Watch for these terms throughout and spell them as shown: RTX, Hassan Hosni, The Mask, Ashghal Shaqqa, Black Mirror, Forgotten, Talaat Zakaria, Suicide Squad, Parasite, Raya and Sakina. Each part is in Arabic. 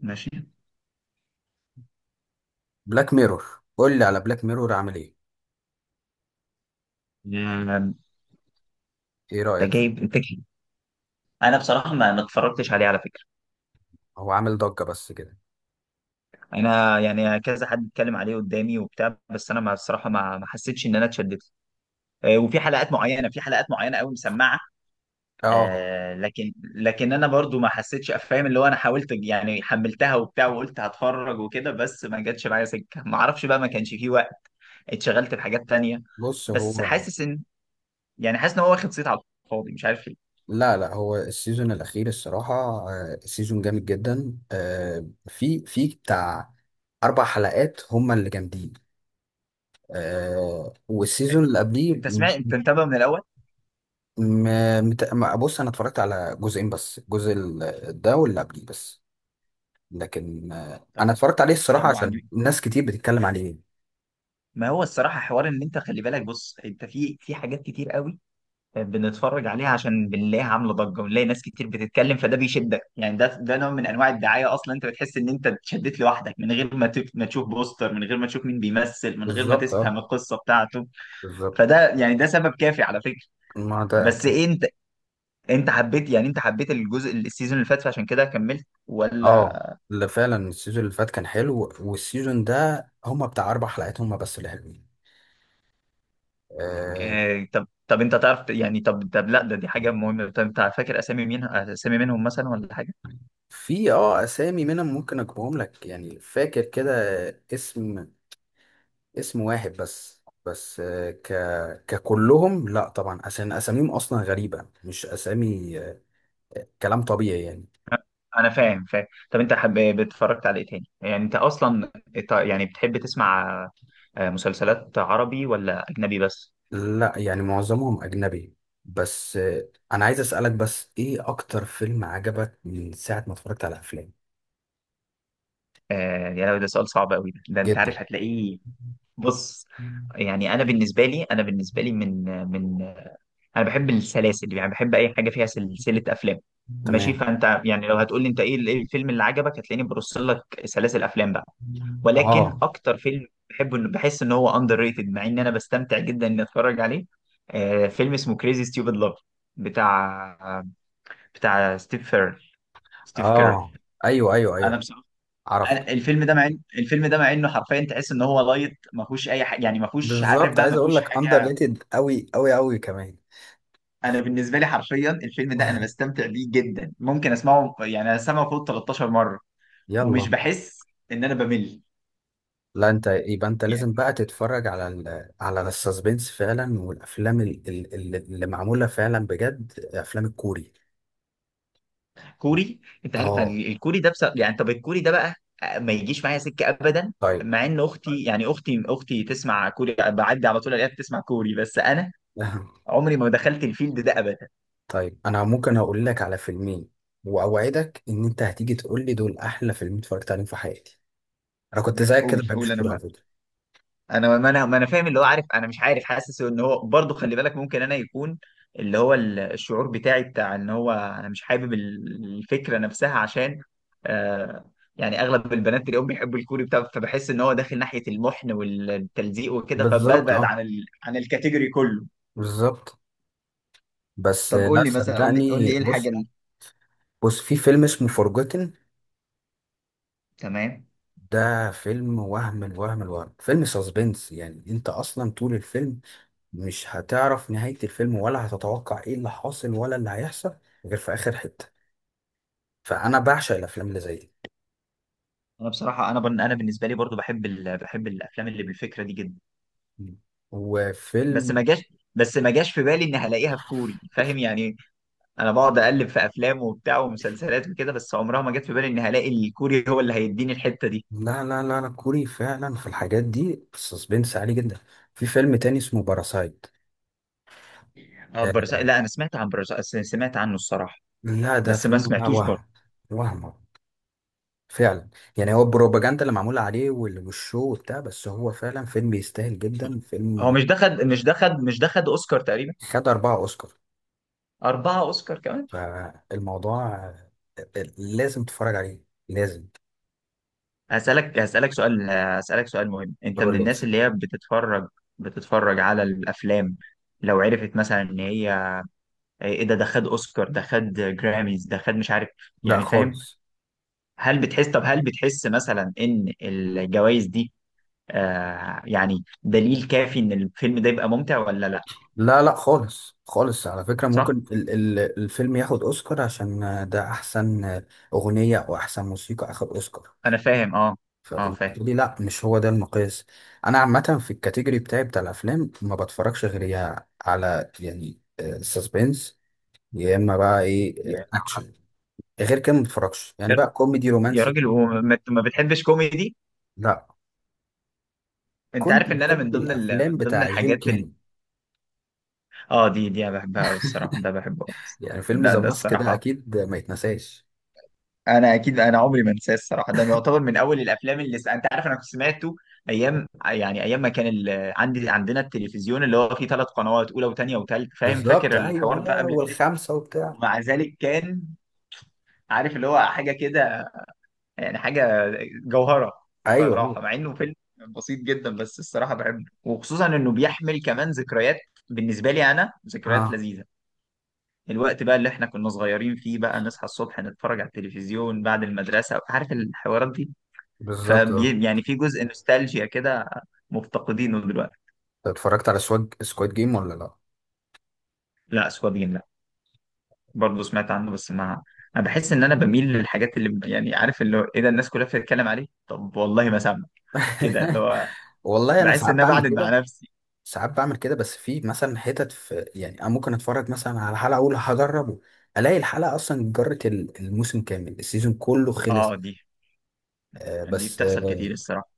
ماشي. بلاك ميرور، قول لي على بلاك ميرور عامل ايه. آه، ايه ده رأيك جايب فيه؟ الفكرة. انا بصراحه ما اتفرجتش عليه على فكره. هو عامل ضجة بس كده. انا يعني كذا حد اتكلم عليه قدامي وبتاع، بس انا ما بصراحه ما حسيتش ان انا اتشددت. وفي حلقات معينه، في حلقات معينه قوي مسمعه. اه. لكن انا برضو ما حسيتش، فاهم اللي هو؟ انا حاولت يعني، حملتها وبتاع وقلت هتفرج وكده، بس ما جاتش معايا سكه، ما اعرفش بقى، ما كانش فيه وقت، اتشغلت بحاجات تانية. بص بس هو. حاسس ان، يعني حاسس ان هو واخد صيت على الفاضي مش عارف ليه. لا لا، هو السيزون الأخير الصراحة. سيزون جامد جدا، في بتاع أربع حلقات هما اللي جامدين. والسيزون اللي قبليه انت سمعت؟ انت متابع من الاول؟ بص، أنا اتفرجت على جزئين بس، الجزء ده واللي قبليه بس. لكن طب أنا اتفرجت عليه طب الصراحة عشان وعجب؟ ناس كتير بتتكلم عليه. ما هو الصراحة حوار ان انت خلي بالك، بص، انت في حاجات كتير قوي بنتفرج عليها عشان بنلاقيها عاملة ضجة ونلاقي ناس كتير بتتكلم، فده بيشدك يعني. ده نوع من انواع الدعاية اصلا. انت بتحس ان انت اتشدت لوحدك من غير ما ما تشوف بوستر، من غير ما تشوف مين بيمثل، من غير ما بالظبط، تفهم اه، القصة بتاعته. بالظبط. فده يعني، ده سبب كافي على فكرة. ما ده بس أكيد. إيه انت، انت حبيت يعني، انت حبيت الجزء السيزون اللي فات فعشان كده كملت ولا؟ اه، ده فعلا السيزون اللي فات كان حلو، والسيزون ده هما بتاع اربع حلقات هما بس اللي حلوين. آه آه، طب طب، انت تعرف يعني، طب طب، لا ده، دي حاجة مهمة، طب انت فاكر اسامي مين، اسامي منهم مثلا ولا حاجة؟ في اسامي منهم، ممكن اجيبهم لك، يعني فاكر كده. اسم، اسم واحد بس، آه ك ككلهم لا طبعا، عشان اساميهم اصلا غريبة مش اسامي كلام طبيعي يعني. انا فاهم. طب انت حب... اتفرجت على ايه تاني يعني؟ انت اصلا يعني بتحب تسمع، مسلسلات عربي ولا اجنبي بس؟ لا، يعني معظمهم اجنبي. بس انا عايز اسالك، بس ايه اكتر فيلم عجبك من ساعة ما اتفرجت على افلام؟ يعني ده سؤال صعب قوي ده انت جدا. عارف هتلاقيه. بص، يعني انا بالنسبه لي، انا بالنسبه لي من، من، انا بحب السلاسل، يعني بحب اي حاجه فيها سلسله افلام ماشي. تمام. فانت يعني لو هتقول لي انت ايه إيه الفيلم اللي عجبك، هتلاقيني برص لك سلاسل افلام بقى. ولكن اه، اكتر فيلم بحبه، انه بحس ان هو اندر ريتد مع ان انا بستمتع جدا اني اتفرج عليه، فيلم اسمه كريزي ستيوبد لاف، بتاع بتاع ستيف فير، ستيف كيرر. اه. ايوه، ايوه، انا ايوه، بصراحه، عرفت. أنا الفيلم ده مع الفيلم ده مع انه حرفيا تحس ان هو لايت، ما فيهوش اي حاجه يعني، ما فيهوش عارف بالظبط، بقى، عايز ما اقول فيهوش لك اندر حاجه. ريتد قوي قوي قوي كمان. انا بالنسبه لي حرفيا الفيلم ده انا بستمتع بيه جدا، ممكن اسمعه يعني، اسمعه فوق 13 مره ومش يلا. بحس ان انا بمل. لا، انت يبقى انت لازم بقى تتفرج على على السسبنس فعلا، والافلام اللي معموله فعلا بجد، افلام الكوري. كوري؟ انت عارف اه. الكوري ده؟ بس يعني طب الكوري ده بقى ما يجيش معايا سكه ابدا، طيب. مع ان اختي يعني، اختي تسمع كوري، بعدي على طول الاقيها بتسمع كوري، بس انا عمري ما دخلت الفيلد ده ابدا. طيب، انا ممكن اقول لك على فيلمين، واوعدك ان انت هتيجي تقول لي دول احلى فيلمين اتفرجت عليهم في حياتي. انا كنت زيك كده، ما قول بحبش قول. الكوري على انا، فكره. انا ما، انا ما، انا فاهم اللي هو، عارف انا مش عارف، حاسس ان هو برضه خلي بالك، ممكن انا يكون اللي هو الشعور بتاعي بتاع ان هو انا مش حابب الفكره نفسها، عشان آه، يعني اغلب البنات اليوم بيحبوا الكوري بتاع، فبحس ان هو داخل ناحيه المحن والتلزيق وكده، بالظبط، فببعد اه، عن ال... عن الكاتيجوري كله. بالظبط. بس طب قول لا، لي مثلا، قول لي صدقني، ايه الحاجه بص. اللي، بص، في فيلم اسمه فورجوتن. تمام. ده فيلم وهم، الوهم الوهم، فيلم ساسبنس، يعني انت اصلا طول الفيلم مش هتعرف نهاية الفيلم، ولا هتتوقع ايه اللي حاصل ولا اللي هيحصل، غير في اخر حتة. فانا بعشق الافلام اللي زي دي. انا بصراحه انا بن... انا بالنسبه لي برضو بحب ال... بحب الافلام اللي بالفكره دي جدا، بس وفيلم. ما جاش، بس ما جاش في بالي ان هلاقيها في كوري، فاهم يعني؟ انا بقعد اقلب في افلام وبتاع ومسلسلات وكده، بس عمرها ما جت في بالي ان هلاقي الكوري هو اللي هيديني الحته دي. لا، لا، لا، لا، كوري فعلا في الحاجات دي السسبنس عالي جدا. في فيلم تاني اسمه باراسايت. اه برزاق، لا انا سمعت عن برزاق، سمعت عنه الصراحه، لا، ده بس ما فيلم سمعتوش وهم. برضه. وهم فعلا. يعني هو البروباجندا اللي معمولة عليه والشو وبتاع، بس هو فعلا فيلم يستاهل جدا، هو فيلم. مش دخل، مش دخل، مش دخل اوسكار تقريبا؟ خد أربعة أوسكار. اربعه اوسكار كمان؟ فالموضوع، لازم تتفرج عليه. لازم. هسالك، هسالك سؤال، هسالك سؤال مهم. انت من ضروري لازم. الناس اللي هي بتتفرج، بتتفرج على الافلام لو عرفت مثلا ان هي ايه، ده ده خد اوسكار، ده خد جراميز، ده خد مش عارف لا يعني، فاهم؟ خالص. هل بتحس، طب هل بتحس مثلا ان الجوائز دي آه يعني دليل كافي ان الفيلم ده يبقى ممتع ولا لا؟ لا، لا، خالص، خالص على فكرة، صح. ممكن ال ال الفيلم ياخد أوسكار عشان ده أحسن أغنية، أو أحسن موسيقى أخد أوسكار. انا فاهم. اه، اه فاهم. فبالنسبة لي لا، مش هو ده المقياس. أنا عامة في الكاتيجوري بتاعي بتاع الأفلام، ما بتفرجش غير يا على يعني سسبنس، يا اما بقى ايه، يا اكشن. غير كده ما بتفرجش يعني، بقى كوميدي يا رومانسي. راجل، وما ما بتحبش كوميدي؟ لا، انت كنت عارف ان انا من بحب ضمن ال... الافلام من ضمن بتاع جيم الحاجات ال... كاري. اه دي، دي انا بحبها قوي الصراحه، ده بحبه أوي. يعني فيلم لا ذا ده ماسك ده الصراحه اكيد ما يتنساش. انا اكيد، انا عمري ما انساه الصراحه. ده يعتبر من اول الافلام اللي س... انت عارف انا كنت سمعته ايام، يعني ايام ما كان ال... عندي، عندنا التلفزيون اللي هو فيه ثلاث قنوات، اولى وثانيه وثالث، فاهم؟ بالظبط، فاكر الحوار ايوه، ده قبل الدش؟ والخمسه وبتاع. ومع ذلك كان، عارف اللي هو حاجه كده، يعني حاجه جوهره ايوه، ايوه، صراحه، مع انه فيلم بسيط جدا، بس الصراحه بحبه، وخصوصا انه بيحمل كمان ذكريات بالنسبه لي، انا ذكريات اه، لذيذه، الوقت بقى اللي احنا كنا صغيرين فيه، بقى نصحى الصبح نتفرج على التلفزيون بعد المدرسه، عارف الحوارات دي؟ بالظبط، اه. فبي يعني في جزء نوستالجيا كده مفتقدينه دلوقتي. أنت اتفرجت على سواج سكواد جيم ولا لا؟ لا سوابين لا، برضه سمعت عنه بس ما، انا بحس ان انا بميل للحاجات اللي يعني، عارف اللي هو ايه ده الناس كلها بتتكلم عليه طب والله ما سامع، كده اللي هو والله انا بحس ساعات ان انا بعمل بعند كده. مع نفسي. ساعات بعمل كده، بس في مثلا حتت، يعني انا ممكن اتفرج مثلا على حلقه، اقول هجربه. الاقي الحلقه اصلا جرت الموسم كامل، السيزون كله خلص. اه دي، دي بس بتحصل كتير الصراحه.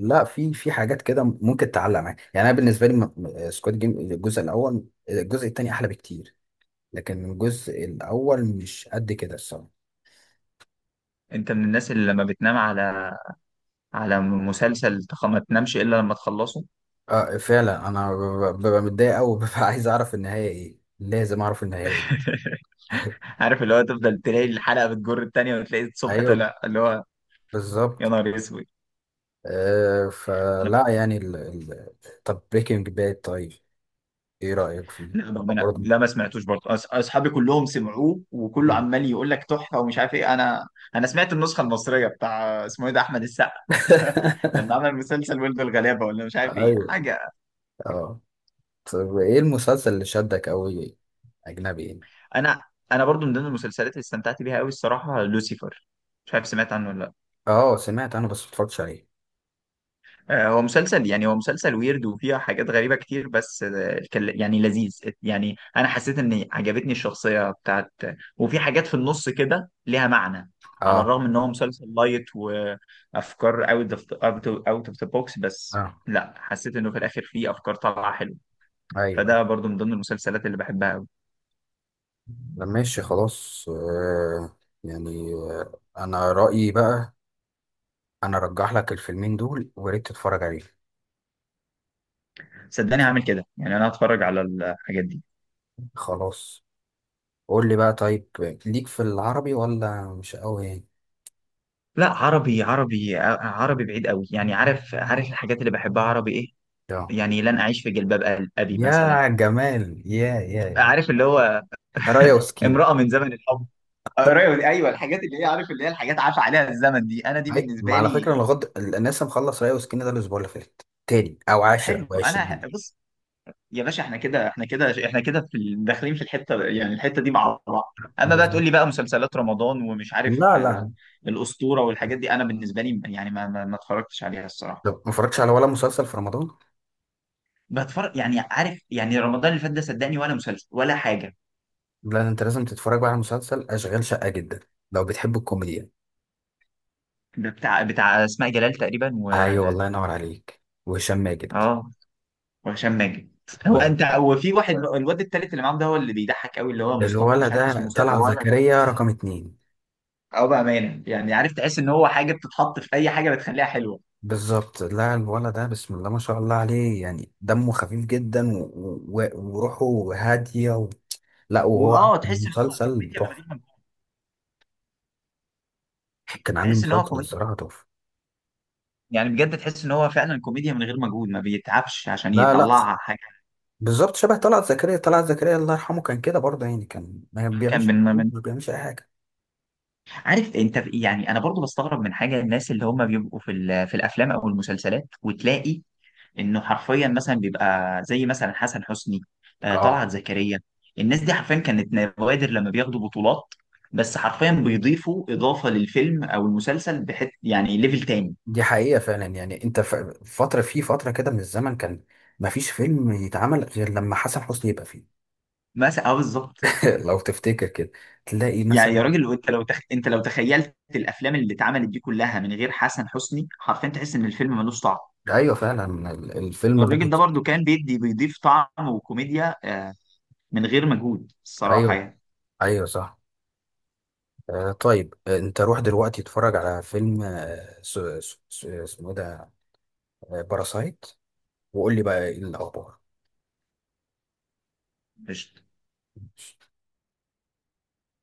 لا، في حاجات كده ممكن تعلق معاك، يعني انا بالنسبه لي سكواد جيم الجزء الاول. الجزء الثاني احلى بكتير. لكن الجزء الاول مش قد كده الصراحه. انت من الناس اللي لما بتنام على على مسلسل ما تنامش الا لما تخلصه؟ اه فعلا، انا ببقى متضايق قوي. ببقى عايز اعرف النهايه ايه، لازم اعرف النهايه ايه. عارف اللي هو تفضل تلاقي الحلقه بتجر التانيه، وتلاقي الصبح ايوه، طلع، اللي هو يا بالظبط. نهار اسود. انا، فلا يعني طب، بريكنج باد، طيب، ايه رايك فيه؟ لا برضه. لا ما سمعتوش برضه، اصحابي كلهم سمعوه وكله عمال يقول لك تحفه ومش عارف ايه. انا، انا سمعت النسخه المصريه بتاع اسمه ايه ده، احمد السقا، لما عمل مسلسل ولد الغلابه ولا مش عارف ايه ايوه، حاجه. اه. طب، ايه المسلسل اللي شدك قوي؟ اجنبي يعني؟ انا، انا برضو من ضمن المسلسلات اللي استمتعت بيها قوي الصراحه لوسيفر، مش عارف سمعت عنه ولا لا؟ اه، سمعت انا بس متفرجتش عليه. هو مسلسل يعني، هو مسلسل ويرد وفيها حاجات غريبه كتير، بس يعني لذيذ يعني، انا حسيت ان عجبتني الشخصيه بتاعت، وفي حاجات في النص كده ليها معنى، على اه، الرغم ان هو مسلسل لايت وافكار اوت اوف، اوت اوف ذا بوكس، بس اه، لا حسيت انه في الاخر فيه افكار طالعه حلوه، ايوه، ايوه. فده برضو من ضمن المسلسلات اللي بحبها قوي. ده ماشي خلاص يعني انا رأيي بقى، انا ارجح لك الفيلمين دول، وريت تتفرج عليهم. صدقني هعمل كده، يعني انا هتفرج على الحاجات دي. خلاص. قول لي بقى طيب، ليك في العربي ولا مش قوي يعني؟ لا عربي، عربي عربي بعيد قوي يعني. عارف عارف الحاجات اللي بحبها عربي ايه؟ آه. يعني لن اعيش في جلباب ابي مثلا، يا جمال، يا، يا، يا، عارف اللي هو؟ رايا وسكينة. امرأة من زمن الحب، ايوه الحاجات اللي هي عارف اللي هي الحاجات عاش عليها الزمن دي، انا دي هاي، ما بالنسبه على فكرة لي، انا غد الناس، مخلص ريا وسكينة ده الاسبوع اللي فات تاني، او 10 حلو. او انا 20. بص، يا باشا احنا كده، احنا كده، احنا كده في داخلين في الحته يعني، الحته دي مع بعض. اما بقى بالظبط. تقول لي بقى مسلسلات رمضان ومش عارف لا، آه، لا. الاسطوره والحاجات دي، انا بالنسبه لي يعني ما اتفرجتش عليها الصراحه. طب ما اتفرجتش على ولا مسلسل في رمضان؟ بتفرج يعني عارف، يعني رمضان اللي فات ده صدقني ولا مسلسل ولا حاجه. لا، انت لازم تتفرج بقى على مسلسل اشغال شقة، جدا لو بتحب الكوميديا. ده بتاع بتاع اسماء جلال تقريبا و، ايوه، الله ينور عليك، وهشام ماجد. اه وهشام ماجد. هو و- انت، هو في واحد الواد التالت اللي معاهم ده، هو اللي بيضحك قوي، اللي هو مصطفى، مش الولد عارف اسمه ده مصطفى طلعت هو ولا ده؟ زكريا رقم اتنين. اه بامانه يعني، عارف تحس ان هو حاجه بتتحط في اي حاجه بتخليها حلوه. بالظبط، لا، الولد ده بسم الله ما شاء الله عليه، يعني دمه خفيف جدا وروحه هادية، لا، وهو عامل واه تحس ان هو مسلسل كوميديا من غير تحفة. مجهود، كان عامل تحس ان هو مسلسل كوميديا، الصراحة تحفة. يعني بجد تحس ان هو فعلا كوميديا من غير مجهود، ما بيتعبش عشان لا، لا. يطلعها حاجه. بالظبط، شبه طلعت زكريا. طلعت زكريا الله يرحمه كان كده برضه، يعني كان ما كان بيعملش من، من، ما بيعملش اي حاجه. عارف انت يعني انا برضو بستغرب من حاجه، الناس اللي هم بيبقوا في في الافلام او المسلسلات، وتلاقي انه حرفيا مثلا بيبقى زي مثلا حسن حسني، اه، طلعت زكريا، الناس دي حرفيا كانت نوادر لما بياخدوا بطولات، بس حرفيا بيضيفوا اضافه للفيلم او المسلسل بحت، يعني ليفل تاني. دي حقيقه فعلا. يعني انت فتره، في فتره كده من الزمن، كان ما فيش فيلم يتعمل غير لما حسن حسني يبقى فيه. مثلا اه بالظبط. لو تفتكر كده، تلاقي يعني مثلا. يا راجل، انت لو تخ... انت لو تخيلت الافلام اللي اتعملت دي كلها من غير حسن حسني، حرفيا تحس ان الفيلم ملوش طعم. ايوه فعلا، الفيلم الراجل ده بوظ. برضو كان بيدي، بيضيف طعم وكوميديا من غير مجهود الصراحة ايوه، يعني. ايوه، صح. طيب، انت روح دلوقتي اتفرج على فيلم، اسمه إيه ده؟ باراسايت. وقول لي بقى ايه الاخبار. قشطة.